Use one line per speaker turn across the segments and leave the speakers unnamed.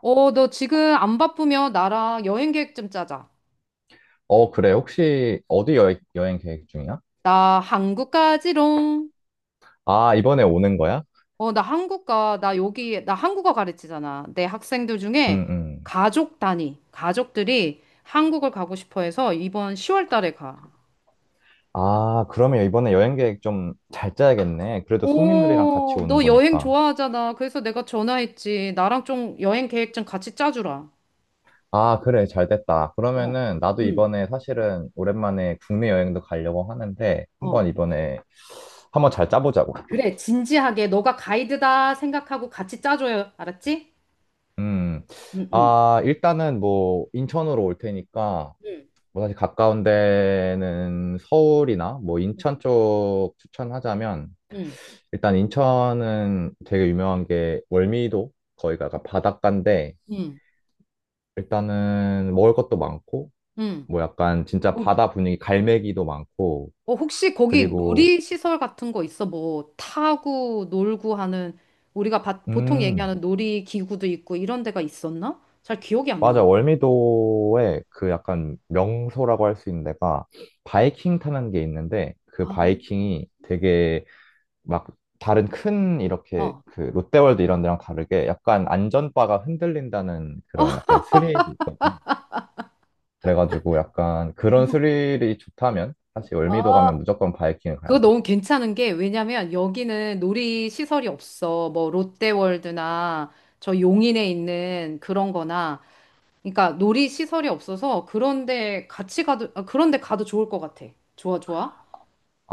어, 너 지금 안 바쁘면 나랑 여행 계획 좀 짜자.
어, 그래. 혹시 어디 여행 계획 중이야?
나 한국 가지롱.
아, 이번에 오는 거야?
어, 나 한국 가. 나 여기, 나 한국어 가르치잖아. 내 학생들 중에
응, 응.
가족 단위, 가족들이 한국을 가고 싶어 해서 이번 10월 달에 가.
아, 그러면 이번에 여행 계획 좀 잘 짜야겠네. 그래도 손님들이랑 같이
오,
오는
너 여행
거니까.
좋아하잖아. 그래서 내가 전화했지. 나랑 좀 여행 계획 좀 같이 짜주라.
아, 그래. 잘 됐다.
어,
그러면은 나도
응,
이번에 사실은 오랜만에 국내 여행도 가려고 하는데,
어.
한번 이번에 한번 잘 짜보자고.
그래, 진지하게. 너가 가이드다 생각하고 같이 짜줘요. 알았지?
음.
응, 응,
아, 일단은 뭐 인천으로 올 테니까
응,
뭐 사실 가까운 데는 서울이나 뭐
응,
인천 쪽 추천하자면,
응.
일단 인천은 되게 유명한 게 월미도. 거기가 약간 바닷가인데
응.
일단은 먹을 것도 많고
응.
뭐 약간 진짜
뭐,
바다 분위기 갈매기도 많고,
어, 혹시 거기
그리고
놀이시설 같은 거 있어? 뭐, 타고, 놀고 하는, 우리가 보통
음
얘기하는 놀이기구도 있고, 이런 데가 있었나? 잘 기억이 안 나.
맞아, 월미도에 그 약간 명소라고 할 수 있는 데가 바이킹 타는 게 있는데, 그
아,
바이킹이 되게 막 다른 큰 이렇게
어,
그 롯데월드 이런 데랑 다르게 약간
어.
안전바가 흔들린다는 그런 약간 스릴. 그래가지고 약간 그런
뭐,
스릴이 좋다면 사실 월미도
아,
가면 무조건 바이킹을 가야
그거
돼.
너무 괜찮은 게, 왜냐면 여기는 놀이시설이 없어. 뭐, 롯데월드나 저 용인에 있는 그런 거나, 그러니까 놀이시설이 없어서 그런데 같이 가도, 아, 그런데 가도 좋을 것 같아. 좋아, 좋아.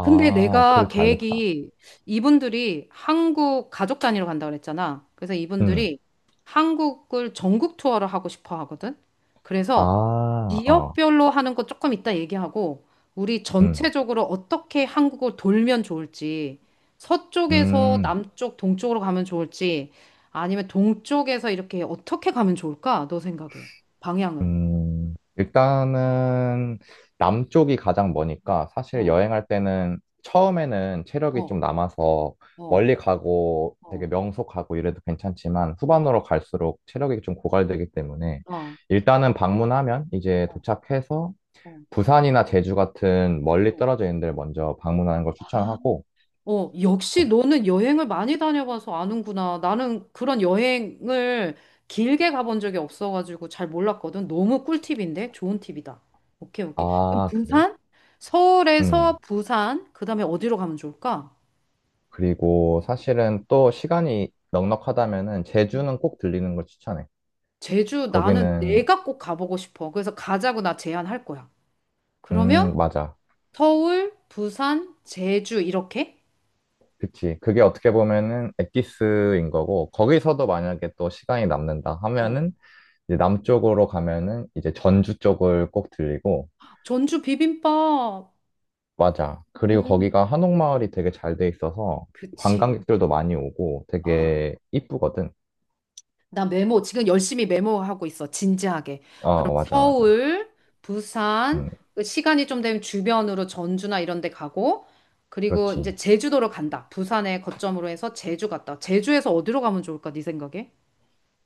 근데
그래,
내가
잘 됐다.
계획이 이분들이 한국 가족 단위로 간다 그랬잖아. 그래서
음,
이분들이 한국을 전국 투어를 하고 싶어 하거든.
아,
그래서
어.
지역별로 하는 거 조금 이따 얘기하고 우리
음,
전체적으로 어떻게 한국을 돌면 좋을지 서쪽에서
음,
남쪽, 동쪽으로 가면 좋을지 아니면 동쪽에서 이렇게 어떻게 가면 좋을까? 너 생각해. 방향을.
일단은 남쪽이 가장 머니까 사실
어,
여행할 때는 처음에는 체력이
어,
좀 남아서
어,
멀리 가고 되게
어,
명소가고 이래도 괜찮지만,
어,
후반으로 갈수록 체력이 좀 고갈되기 때문에
어,
일단은 방문하면 이제
어,
도착해서
어, 어.
부산이나 제주 같은 멀리 떨어져 있는 데를 먼저 방문하는 걸
어.
추천하고,
어, 역시
거-
너는 여행을 많이 다녀봐서 아는구나. 나는 그런 여행을 길게 가본 적이 없어가지고 잘 몰랐거든. 너무 꿀팁인데? 좋은 팁이다. 오케이, 오케이. 그럼
아, 그래?
부산? 서울에서
음.
부산, 그 다음에 어디로 가면 좋을까?
그리고 사실은 또 시간이 넉넉하다면은
음.
제주는 꼭 들리는 걸 추천해.
제주, 나는
거기는,
내가 꼭 가보고 싶어. 그래서 가자고 나 제안할 거야. 그러면
맞아.
서울, 부산, 제주, 이렇게?
그치. 그게 어떻게 보면은 엑기스인 거고, 거기서도 만약에 또 시간이 남는다
어.
하면은 이제 남쪽으로 가면은 이제 전주 쪽을 꼭 들리고,
전주 비빔밥.
맞아. 그리고
음,
거기가 한옥마을이 되게 잘 돼 있어서,
그치.
관광객들도 많이 오고
아.
되게 이쁘거든.
나 메모 지금 열심히 메모하고 있어. 진지하게. 그럼
어, 맞아, 맞아.
서울, 부산,
음,
그 시간이 좀 되면 주변으로 전주나 이런 데 가고 그리고 이제
그렇지.
제주도로 간다. 부산에 거점으로 해서 제주 갔다. 제주에서 어디로 가면 좋을까? 네 생각에?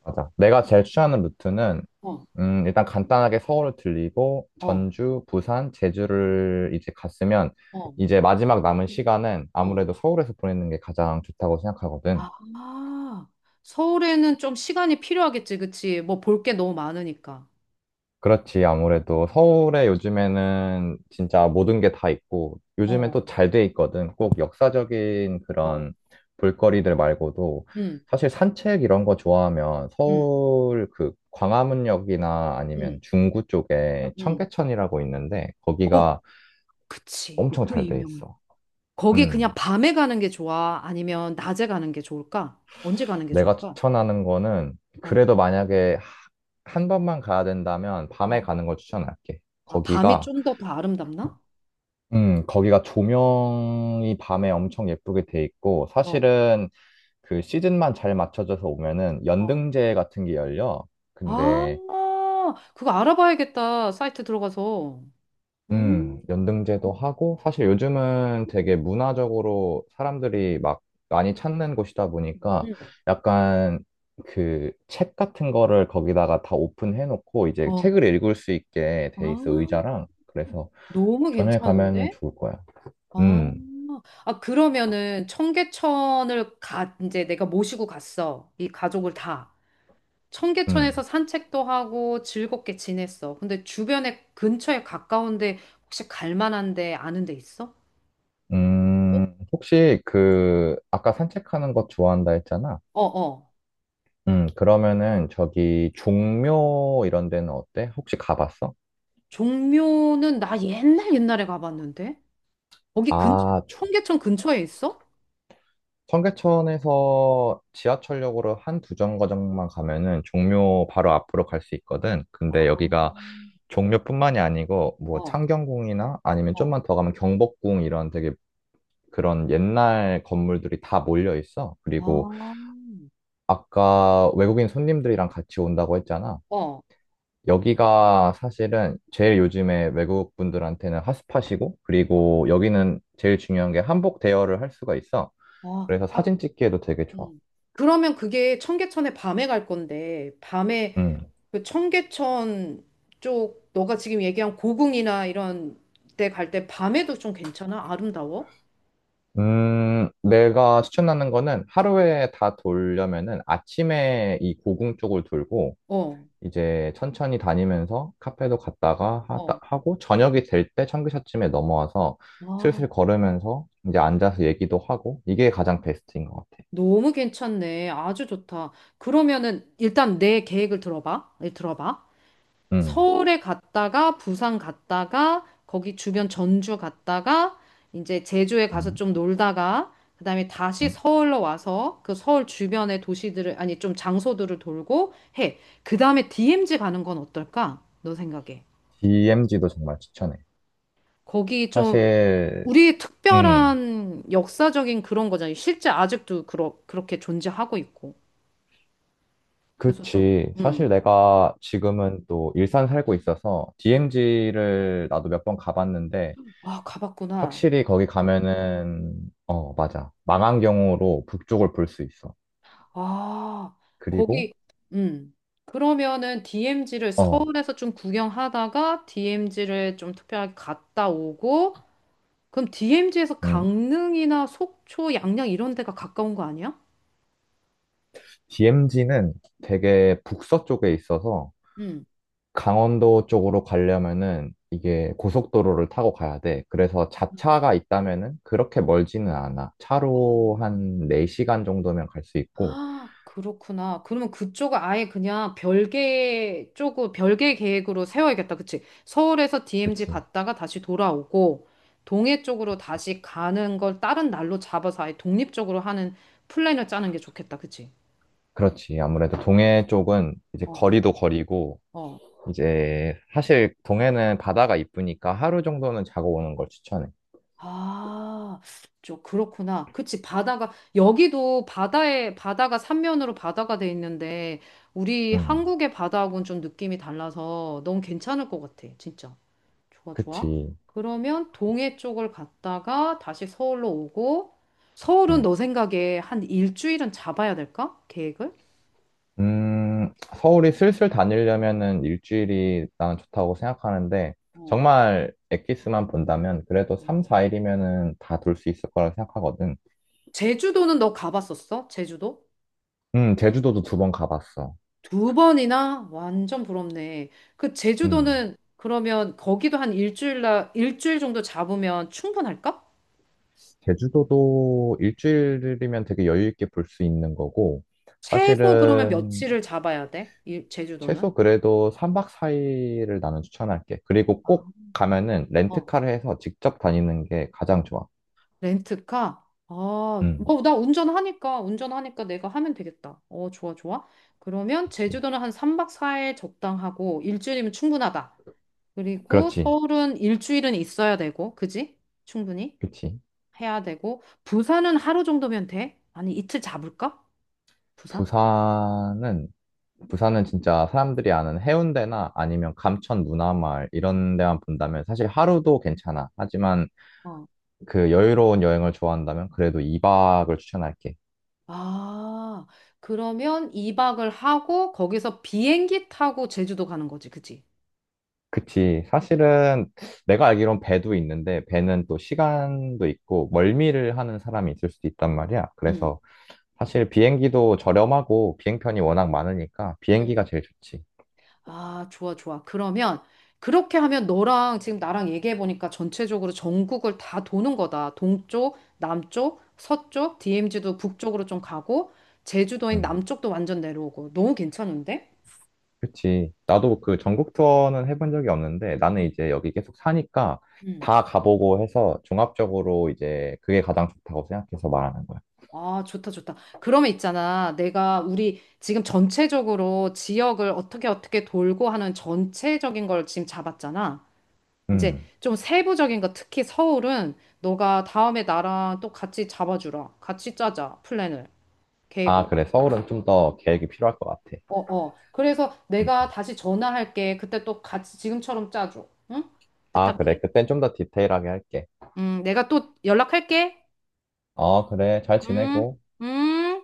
맞아. 내가 제일 추천하는 루트는,
어,
일단 간단하게 서울을 들리고,
어,
전주, 부산, 제주를 이제 갔으면,
어,
이제 마지막 남은 시간은
어.
아무래도 서울에서 보내는 게 가장 좋다고 생각하거든.
아, 서울에는 좀 시간이 필요하겠지, 그치? 뭐 볼 게 너무 많으니까.
그렇지. 아무래도 서울에 요즘에는 진짜 모든 게 다 있고, 요즘엔
어,
또 잘 돼 있거든. 꼭 역사적인
어,
그런 볼거리들 말고도,
응,
사실 산책 이런 거 좋아하면
응,
서울 그 광화문역이나 아니면
응,
중구 쪽에
응,
청계천이라고 있는데,
어,
거기가
그치.
엄청
그
잘 돼
유명한.
있어.
거기 그냥
음.
밤에 가는 게 좋아? 아니면 낮에 가는 게 좋을까? 언제 가는 게
내가
좋을까?
추천하는 거는,
어,
그래도 만약에 한 번만 가야 된다면 밤에
어.
가는 걸 추천할게.
아, 밤이
거기가
좀 더 아름답나?
거기가 조명이 밤에 엄청 예쁘게 돼 있고,
어,
사실은 그 시즌만 잘 맞춰져서 오면은
어.
연등제 같은 게 열려. 근데,
아, 그거 알아봐야겠다. 사이트 들어가서. 음,
연등제도 하고, 사실 요즘은 되게 문화적으로 사람들이 막 많이 찾는 곳이다 보니까
음.
약간 그 책 같은 거를 거기다가 다 오픈해 놓고, 이제
어,
책을 읽을 수 있게
아,
돼 있어, 의자랑. 그래서
너무
저녁에 가면은
괜찮은데?
좋을 거야.
아,
음,
아, 그러면은 청계천을 가, 이제 내가 모시고 갔어. 이 가족을 다. 청계천에서
음.
산책도 하고 즐겁게 지냈어. 근데 주변에 근처에 가까운데 혹시 갈 만한데 아는 데 있어? 어,
혹시 그, 아까 산책하는 것 좋아한다 했잖아?
어. 어.
그러면은 저기 종묘 이런 데는 어때? 혹시 가봤어?
종묘는 나 옛날 옛날에 가봤는데 거기 근
아,
청계천 근처에 있어?
청계천에서 지하철역으로 한 두 정거장만 가면은 종묘 바로 앞으로 갈 수 있거든.
아,
근데 여기가 종묘뿐만이 아니고 뭐
어,
창경궁이나 아니면
어,
좀만 더 가면 경복궁 이런 되게 그런 옛날 건물들이 다 몰려 있어. 그리고
아,
아까 외국인 손님들이랑 같이 온다고 했잖아.
어,
여기가 사실은 제일 요즘에 외국 분들한테는 핫스팟이고,
어,
그리고 여기는 제일 중요한 게 한복 대여를 할 수가 있어.
어.
그래서
아,
사진 찍기에도 되게 좋아.
음. 그러면 그게 청계천에 밤에 갈 건데 밤에
음.
그 청계천 쪽 너가 지금 얘기한 고궁이나 이런 데 갈 때 밤에도 좀 괜찮아? 아름다워?
내가 추천하는 거는 하루에 다 돌려면은 아침에 이 고궁 쪽을 돌고,
어,
이제 천천히 다니면서 카페도 갔다가
어.
하고, 저녁이 될 때 청기샷쯤에 넘어와서
아,
슬슬 걸으면서 이제 앉아서 얘기도 하고, 이게 가장 베스트인 것 같아.
너무 괜찮네. 아주 좋다. 그러면은 일단 내 계획을 들어봐. 예, 들어봐.
음.
서울에 갔다가 부산 갔다가 거기 주변 전주 갔다가 이제 제주에 가서
음.
좀 놀다가 그다음에 다시
음.
서울로 와서 그 서울 주변의 도시들을 아니 좀 장소들을 돌고 해. 그다음에 DMZ 가는 건 어떨까? 너 생각에.
DMZ도 정말 추천해.
거기 좀
사실,
우리의
음,
특별한 역사적인 그런 거잖아요. 실제 아직도 그렇게 존재하고 있고. 그래서 좀
그치. 사실
음.
내가 지금은 또 일산 살고 있어서
음.
DMZ를 나도 몇 번 가봤는데,
아, 가봤구나.
확실히 거기 가면은, 어, 맞아. 망한 경우로 북쪽을 볼 수 있어.
아,
그리고,
거기, 음. 그러면은 DMZ를
어,
서울에서 좀 구경하다가 DMZ를 좀 특별하게 갔다 오고, 그럼 DMZ에서
음,
강릉이나 속초, 양양 이런 데가 가까운 거 아니야?
DMZ는 되게 북서 쪽에 있어서,
음.
강원도 쪽으로 가려면은 이게 고속도로를 타고 가야 돼. 그래서 자차가 있다면은 그렇게 멀지는 않아.
아.
차로 한 4시간 정도면 갈 수 있고.
아, 그렇구나. 그러면 그쪽은 아예 그냥 별개 쪽으로, 별개 계획으로 세워야겠다. 그치? 서울에서 DMZ
그치,
갔다가 다시 돌아오고, 동해 쪽으로
그치.
다시 가는 걸 다른 날로 잡아서 아예 독립적으로 하는 플랜을 짜는 게 좋겠다. 그치?
그렇지. 아무래도 동해 쪽은 이제
어,
거리도 거리고,
어.
이제 사실 동해는 바다가 이쁘니까 하루 정도는 자고 오는 걸 추천해.
아, 좀 그렇구나. 그치? 바다가, 여기도 바다에, 바다가 삼면으로 바다가 돼 있는데, 우리
음,
한국의 바다하고는 좀 느낌이 달라서 너무 괜찮을 것 같아. 진짜. 좋아, 좋아.
그치.
그러면 동해 쪽을 갔다가 다시 서울로 오고, 서울은
음.
너 생각에 한 일주일은 잡아야 될까? 계획을?
서울이 슬슬 다니려면은 일주일이 난 좋다고 생각하는데,
어.
정말 엑기스만 본다면 그래도
음.
3, 4일이면은 다 돌 수 있을 거라 생각하거든.
제주도는 너 가봤었어? 제주도?
제주도도 두 번 가봤어.
두 번이나? 완전 부럽네. 그
음,
제주도는 그러면 거기도 한 일주일, 나 일주일 정도 잡으면 충분할까?
제주도도 일주일이면 되게 여유 있게 볼 수 있는 거고,
최소 그러면
사실은
며칠을 잡아야 돼? 일, 제주도는?
최소 그래도 3박 4일을 나는 추천할게. 그리고
아,
꼭 가면은
어,
렌트카를 해서 직접 다니는 게 가장 좋아.
렌트카? 아,
음,
어, 나 운전하니까, 운전하니까 내가 하면 되겠다. 어, 좋아, 좋아. 그러면
그렇지.
제주도는 한 3박 4일 적당하고, 일주일이면 충분하다. 그리고
그렇지.
서울은 일주일은 있어야 되고, 그지? 충분히
그렇지.
해야 되고, 부산은 하루 정도면 돼? 아니, 이틀 잡을까? 부산?
부산은 부산은 진짜 사람들이 아는 해운대나 아니면 감천 문화마을 이런 데만 본다면 사실 하루도 괜찮아. 하지만
어.
그 여유로운 여행을 좋아한다면 그래도 2박을 추천할게.
아, 그러면 2박을 하고, 거기서 비행기 타고 제주도 가는 거지, 그지?
그치. 사실은 내가 알기론 배도 있는데 배는 또 시간도 있고 멀미를 하는 사람이 있을 수도 있단 말이야.
응,
그래서 사실 비행기도 저렴하고 비행편이
응,
워낙 많으니까
응.
비행기가 제일 좋지.
아, 좋아, 좋아. 그러면 그렇게 하면 너랑 지금 나랑 얘기해 보니까 전체적으로 전국을 다 도는 거다. 동쪽, 남쪽, 서쪽, DMZ도 북쪽으로 좀 가고, 제주도인
음.
남쪽도 완전 내려오고. 너무 괜찮은데?
그치. 나도 그 전국 투어는 해본 적이 없는데 나는
응.
이제 여기 계속 사니까
응.
다 가보고 해서 종합적으로 이제 그게 가장 좋다고 생각해서 말하는 거야.
아, 좋다, 좋다. 그러면 있잖아. 내가 우리 지금 전체적으로 지역을 어떻게 어떻게 돌고 하는 전체적인 걸 지금 잡았잖아. 이제
음.
좀 세부적인 거, 특히 서울은 너가 다음에 나랑 또 같이 잡아주라. 같이 짜자. 플랜을,
아,
계획을.
그래. 서울은 좀 더 계획이 필요할 것 같아.
어, 어. 그래서
음.
내가 다시 전화할게. 그때 또 같이 지금처럼 짜줘. 응?
아, 그래.
부탁해.
그땐 좀 더 디테일하게 할게.
내가 또 연락할게.
어, 그래. 잘
음,
지내고.
음.